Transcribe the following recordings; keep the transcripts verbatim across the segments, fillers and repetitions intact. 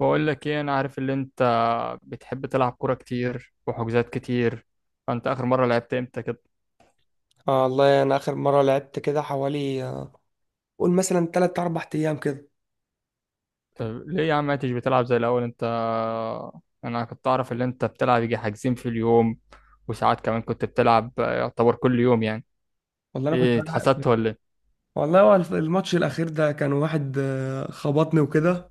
بقول لك ايه، انا عارف ان انت بتحب تلعب كوره كتير وحجوزات كتير. فانت اخر مره لعبت امتى كده؟ آه والله انا اخر مره لعبت كده حوالي آه، قول مثلا ثلاثة اربع ايام كده. طب ليه يا عم ما انتش بتلعب زي الاول انت؟ انا كنت اعرف ان انت بتلعب يجي حاجزين في اليوم، وساعات كمان كنت بتلعب يعتبر كل يوم يعني. والله انا كنت ايه، بلعب. اتحسدت ولا ايه؟ والله هو الف- الماتش الاخير ده كان واحد آه، خبطني وكده.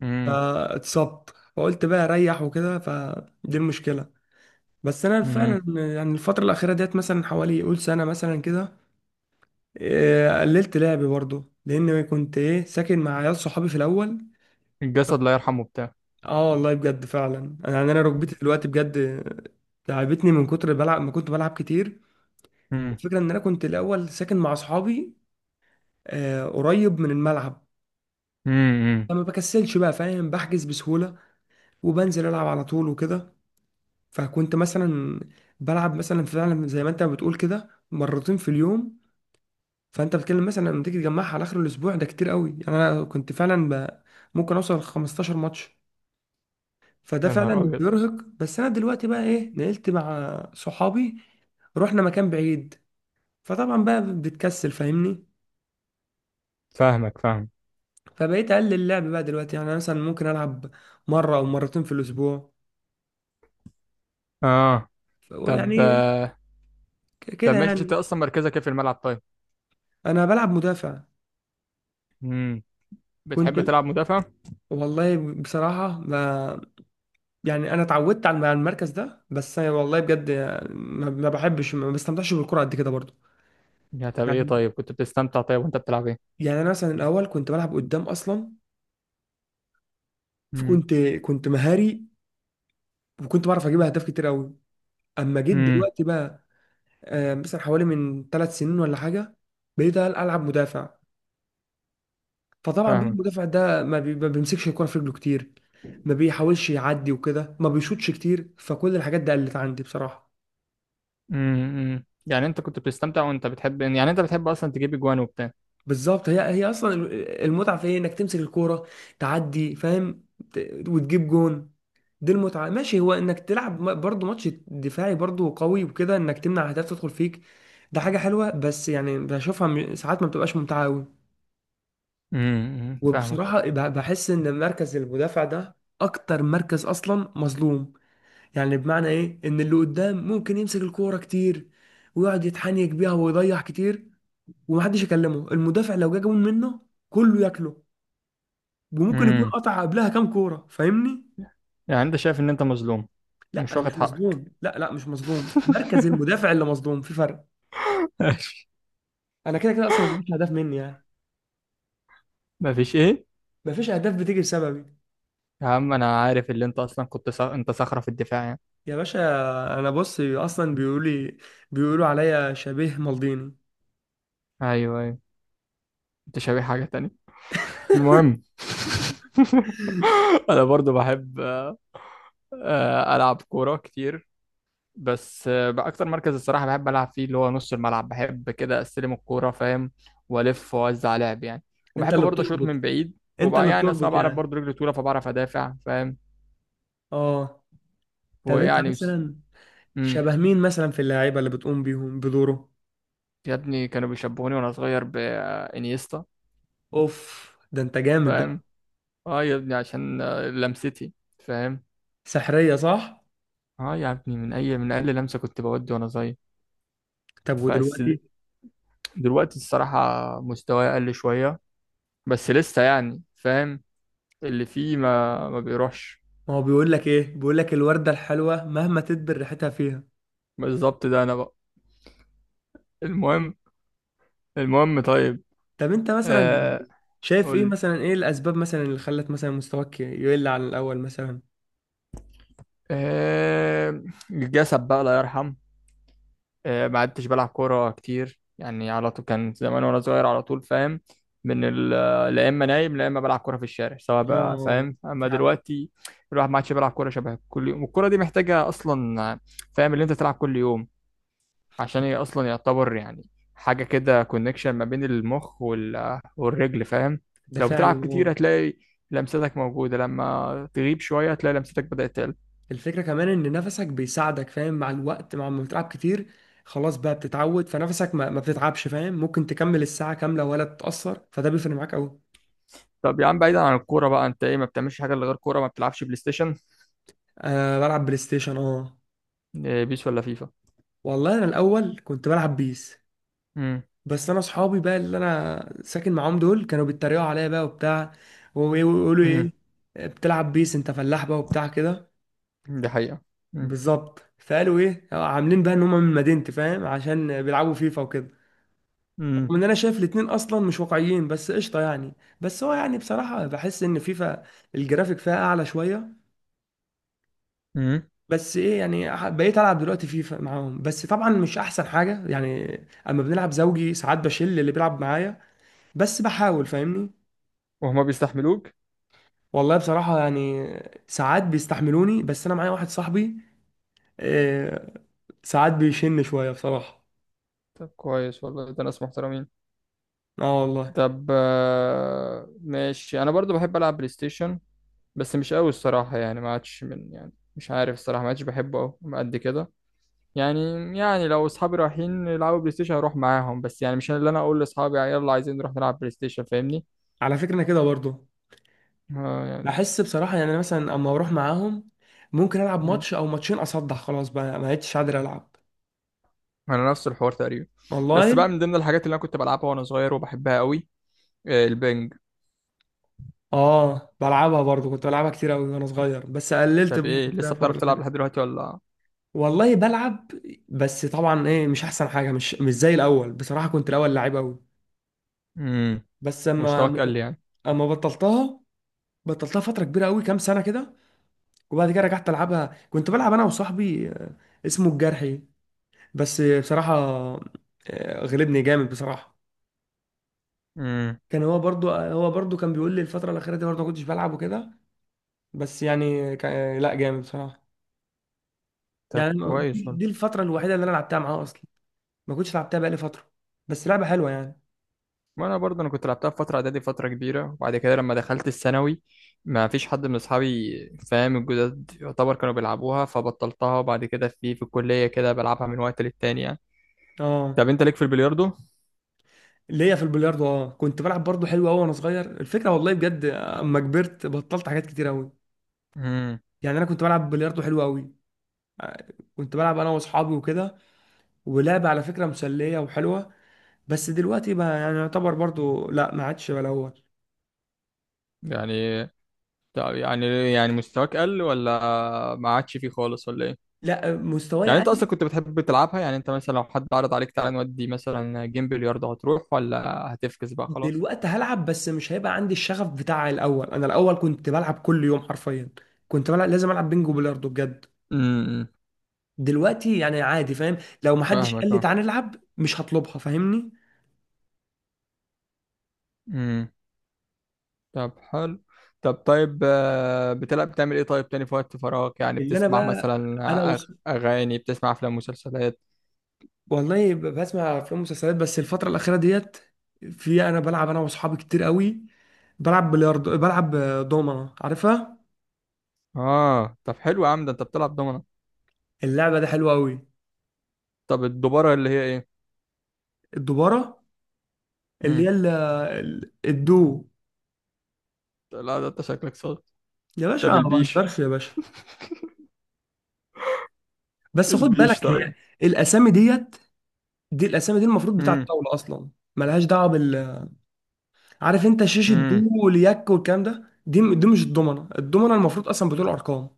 امم. فاتصبت. فقلت بقى اريح وكده فدي المشكله. بس انا امم. فعلا يعني الفتره الاخيره ديت مثلا حوالي قول سنه مثلا كده، آه، قللت لعبي برضه لان كنت ايه ساكن مع عيال صحابي في الاول. الجسد لا يرحمه بتاع. اه والله بجد فعلا يعني انا ركبتي دلوقتي بجد آه، تعبتني من كتر بلعب ما كنت بلعب كتير. امم. الفكرة ان انا كنت الاول ساكن مع اصحابي آه، قريب من الملعب. امم. فما بكسلش بقى، فاهم، بحجز بسهولة وبنزل العب على طول وكده. فكنت مثلا بلعب مثلا فعلا زي ما انت بتقول كده مرتين في اليوم. فانت بتتكلم مثلا لما تيجي تجمعها على اخر الاسبوع ده كتير قوي. يعني انا كنت فعلا ب... ممكن اوصل ل 15 ماتش. فده يا نهار فعلا ابيض. بيرهق. بس انا دلوقتي بقى ايه نقلت مع صحابي. رحنا مكان بعيد، فطبعا بقى بتكسل، فاهمني؟ فاهمك فاهم. فبقيت اقلل اللعب بقى دلوقتي. يعني أنا مثلا ممكن العب مره او مرتين في الاسبوع. اه. ف- طب يعني ك- كده طب ماشي، انت يعني. اصلا مركزك ايه في الملعب طيب؟ انا بلعب مدافع. امم. كنت بتحب تلعب مدافع؟ والله بصراحه، ما يعني انا اتعودت على على المركز ده. بس أنا والله بجد ما ما بحبش، ما بستمتعش بالكره قد كده برضه. يا طب ايه، يعني طيب كنت بتستمتع طيب وانت بتلعب ايه؟ يعني انا مثلا الاول كنت بلعب قدام اصلا. امم. فكنت كنت مهاري، وكنت بعرف اجيب اهداف كتير قوي. اما جيت امم. دلوقتي بقى آه، مثلا حوالي من ثلاث سنين ولا حاجه بقيت العب مدافع. فطبعا بقى فاهمك. المدافع ده ما بي- ما بيمسكش الكوره في رجله كتير، ما بيحاولش يعدي وكده، ما بيشوطش كتير. فكل الحاجات دي قلت عندي بصراحه. امم. يعني انت كنت بتستمتع، وانت بتحب يعني انت بتحب اصلا تجيب اجوان وبتاع. بالظبط، هي هي اصلا المتعه في ايه؟ انك تمسك الكوره، تعدي، فاهم، ت- وتجيب جون. دي المتعه. ماشي، هو انك تلعب م- برضه ماتش دفاعي برضه قوي وكده، انك تمنع اهداف تدخل فيك. ده حاجه حلوه، بس يعني بشوفها م- ساعات ما بتبقاش ممتعه قوي. امم. فاهمك. وبصراحه بح- بحس ان مركز المدافع ده اكتر مركز اصلا مظلوم. يعني بمعنى ايه؟ ان اللي قدام ممكن يمسك الكوره كتير، ويقعد يتحنيك بيها ويضيع كتير، ومحدش يكلمه. المدافع لو جه جون منه كله ياكله، وممكن يكون امم. قطع قبلها كام كوره، فاهمني؟ يعني انت شايف ان انت مظلوم؟ لا، مش انا واخد مش حقك. مظلوم، لا، لا، مش مظلوم، مركز المدافع اللي مظلوم في فرق. انا كده كده اصلا مفيش اهداف مني يعني. مفيش ايه؟ مفيش اهداف بتيجي بسببي. يا عم انا عارف اللي انت اصلا كنت صخ... انت صخرة في الدفاع يعني. يا باشا، انا بص اصلا بيقولي، بيقولوا عليا شبيه مالديني. ايوه، ايوه. انت شبيه حاجة تانية. المهم. انا برضو بحب آه، آه، العب كورة كتير. بس آه، بقى اكتر مركز الصراحه بحب العب فيه اللي هو نص الملعب، بحب كده استلم الكوره فاهم. والف واوزع لعب يعني. انت وبحب اللي برضه اشوط بتربط، من بعيد، انت وبقى اللي يعني اصلا بتربط بعرف يعني. برضه رجلي طويله فبعرف ادافع فاهم. اه. طب انت ويعني بس. مثلا مم. شبه مين مثلا في اللعيبة اللي بتقوم بيهم بدوره؟ يا ابني كانوا بيشبهوني وانا صغير بانيستا. اوف، ده انت جامد فاهم. بقى. اه يا ابني عشان آه، لمستي. فاهم. سحرية صح؟ اه يا ابني من اي من اقل لمسه كنت بودي وانا صغير. طب بس د- ودلوقتي؟ دلوقتي الصراحه مستواي اقل شويه. بس لسه يعني فاهم، اللي فيه ما ما بيروحش. ما هو بيقول لك ايه؟ بيقول لك الوردة الحلوة مهما تدبر ريحتها فيها. بالظبط ده انا بقى. المهم. المهم طيب. طب انت مثلا آه شايف قول ايه؟ لي. مثلا ايه الاسباب مثلا اللي خلت مثلا مستواك يقل عن الاول مثلا. آه الجسد بقى الله يرحم. آه ما عدتش بلعب كوره كتير يعني على طول، كان زمان وانا صغير على طول فاهم. من ال- لا اما نايم لا اما بلعب كوره في الشارع سواء بقى اه فاهم. اما فعلا. دلوقتي الواحد ما عادش بيلعب كوره شبه كل يوم، والكوره دي محتاجه اصلا فاهم اللي انت تلعب كل يوم، عشان هي اصلا يعتبر يعني حاجه كده كونكشن ما بين المخ وال... والرجل فاهم. ده لو فعلا بتلعب كتير اه. هتلاقي لمستك موجوده، لما تغيب شويه هتلاقي لمستك بدات تقل. الفكرة كمان ان نفسك بيساعدك فاهم، مع الوقت مع ما بتلعب كتير، خلاص بقى بتتعود فنفسك ما, ما بتتعبش، فاهم؟ ممكن تكمل الساعة كاملة ولا تتأثر، فده بيفرق معاك قوي. طب يا عم بعيدا عن الكوره بقى، انت ايه ما بتعملش حاجه إلا غير كوره؟ ما بتلعبش بلاي ستيشن؟ أه بلعب بلاي ستيشن اه. إيه، بيس ولا فيفا؟ والله انا الاول كنت بلعب بيس. امم. بس انا اصحابي بقى اللي انا ساكن معاهم دول كانوا بيتريقوا عليا بقى وبتاع، ويقولوا امم. ايه؟ بتلعب بيس انت؟ فلاح بقى وبتاع كده. دي حقيقه. امم. بالظبط. فقالوا ايه؟ عاملين بقى ان هم من مدينتي فاهم، عشان بيلعبوا فيفا وكده. رغم امم. ان انا شايف الاتنين اصلا مش واقعيين، بس قشطه يعني. بس هو يعني بصراحه بحس ان فيفا الجرافيك فيها اعلى شويه. امم. بس ايه يعني ح- بقيت العب دلوقتي فيفا معاهم، بس طبعا مش احسن حاجه يعني. اما بنلعب زوجي ساعات بشيل اللي بيلعب معايا، بس بحاول، فاهمني؟ وهما بيستحملوك؟ والله بصراحه يعني ساعات بيستحملوني، بس انا معايا واحد صاحبي آه، ساعات بيشن شويه بصراحه. طب كويس والله، ده ناس محترمين. اه والله. طب آه، ماشي انا برضو بحب العب بلاي ستيشن. بس مش قوي الصراحة يعني، ما عادش من يعني مش عارف الصراحة ما عادش بحبه أوي قد كده يعني يعني لو أصحابي رايحين يلعبوا بلاي ستيشن هروح معاهم، بس يعني مش أنا اللي أنا أقول لأصحابي يلا عايزين نروح نلعب بلاي ستيشن، فاهمني؟ على فكره انا كده برضه، آه يعني. بحس بصراحه يعني أنا مثلا اما اروح معاهم، ممكن العب مم. ماتش او ماتشين اصدع، خلاص بقى ما بقتش قادر العب. أنا نفس الحوار تقريبا. والله بس بقى من ضمن الحاجات اللي أنا كنت بلعبها وأنا صغير وبحبها أوي آه، البنج. اه بلعبها برضه. كنت بلعبها كتير قوي وانا صغير، بس قللت طب برضه إيه، في لسه بتعرف تلعب الفتره. لحد دلوقتي ولا؟ والله بلعب، بس طبعا ايه مش احسن حاجه. مش مش زي الاول بصراحه، كنت الاول لعيب قوي. مم. بس مستواك اما قل يعني. اما بطلتها. بطلتها فتره كبيره قوي كام سنه كده. وبعد كده رجعت العبها. كنت بلعب انا وصاحبي آه، اسمه الجرحي. بس بصراحه آه، غلبني جامد بصراحه. مم. كان هو برضو آه، هو برضو كان بيقول لي الفتره الاخيره دي برضو ما كنتش بلعب وكده. بس يعني كا- لا جامد بصراحه. طب يعني كويس دي والله. دي الفتره الوحيده اللي انا لعبتها معاه اصلا. ما كنتش لعبتها بقالي فتره. بس لعبه حلوه يعني. ما انا برضه انا كنت لعبتها في فتره اعدادي فتره كبيره، وبعد كده لما دخلت الثانوي ما فيش حد من اصحابي فاهم الجداد يعتبر كانوا بيلعبوها، فبطلتها. وبعد كده في في الكليه كده بلعبها من وقت للتاني يعني. اه. طب انت ليك في البلياردو؟ ليا في البلياردو اه. كنت بلعب برضه حلو قوي وانا صغير. الفكره والله بجد اما كبرت بطلت حاجات كتير قوي. امم. يعني انا كنت بلعب بلياردو حلو قوي. كنت بلعب انا واصحابي وكده. ولعبه على فكره مسليه وحلوه. بس دلوقتي بقى يعني يعتبر برضه، لا، ما عادش بقى الاول. يعني طب يعني يعني مستواك قل، ولا ما عادش فيه خالص ولا ايه؟ لا، مستواي يعني انت اصلا قل. كنت بتحب تلعبها يعني، انت مثلا لو حد عرض عليك تعالى نودي مثلا جيم بلياردو هتروح، ولا هتفكس بقى خلاص؟ دلوقتي هلعب بس مش هيبقى عندي الشغف بتاع الاول. انا الاول كنت بلعب كل يوم حرفيا. كنت بلعب، لازم العب بينجو بلياردو بجد. امم. دلوقتي يعني عادي، فاهم؟ لو محدش قال لي فاهمك. تعالى نلعب مش هطلبها، فاهمني؟ اه طب حلو. طب طيب آه، بتلعب بتعمل ايه طيب تاني في وقت فراغك يعني؟ اللي انا بتسمع بقى مثلا انا آه، وص... أغ- اغاني، بتسمع افلام، مسلسلات؟ والله ب- بسمع افلام ومسلسلات، بس الفتره الاخيره ديت في انا بلعب انا واصحابي كتير قوي. بلعب بلياردو، بلعب آه، دومنه، عارفها؟ اه طب حلو يا عم، ده انت بتلعب دومنة. اللعبه دي حلوه قوي. طب الدوبارة اللي هي ايه؟ الدوباره اللي امم. هي ال- ال- الدو. لا ده انت شكلك صاد. يا باشا طب ما البيش. بهزرش يا باشا. بس خد بالك، البيش طيب. هي الاسامي ديت، دي الاسامي دي المفروض بتاعه امم. الطاوله اصلا. ملهاش دعوه بال، عارف انت شاشه دو امم. واليك والكلام ده، دي دي مش الضمنه. الضمنه المفروض اصلا بتقول ارقام.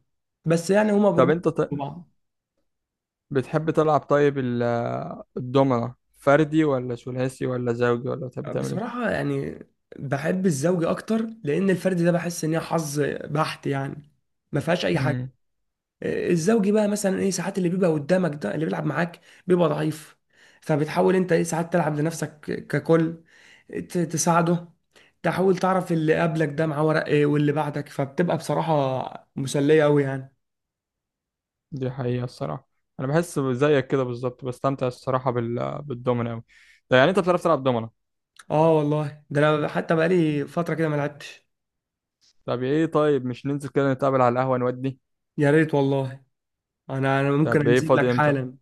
بس يعني هما طب بيربطوا انت ط... ببعض. بتحب تلعب طيب ال- الدومنة فردي، ولا ثلاثي، ولا زوجي، ولا بتحب تعمل ايه؟ بصراحة يعني بحب الزوجي أكتر، لأن الفرد ده بحس إن هي حظ بحت يعني، ما فيهاش أي حاجة. مم. الزوجي بقى مثلا إيه؟ ساعات اللي بيبقى قدامك ده اللي بيلعب معاك بيبقى ضعيف، فبتحاول أنت إيه ساعات تلعب لنفسك ككل، ت- تساعده، تحاول تعرف اللي قبلك ده معاه ورق إيه، واللي بعدك، فبتبقى بصراحة مسلية أوي يعني. دي حقيقة الصراحة. أنا بحس زيك كده بالظبط، بستمتع الصراحة بال... بالدومينو أوي. طب يعني أنت بتعرف تلعب دومينو. آه والله، ده أنا حتى بقالي فترة كده ما لعبتش. طب إيه طيب، مش ننزل كده نتقابل على القهوة نودي؟ يا ريت والله. أنا أنا ممكن طب إيه، أنزل لك فاضي إمتى؟ حالا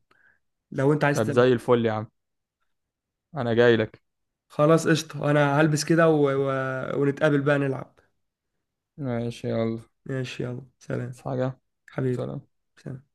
لو أنت عايز طب تلعب. زي الفل يا عم. أنا جاي لك. خلاص قشطة، انا هلبس كده و... و... ونتقابل بقى نلعب. ماشي يلا. ماشي، يلا، عايز سلام حاجة؟ حبيبي، سلام. سلام.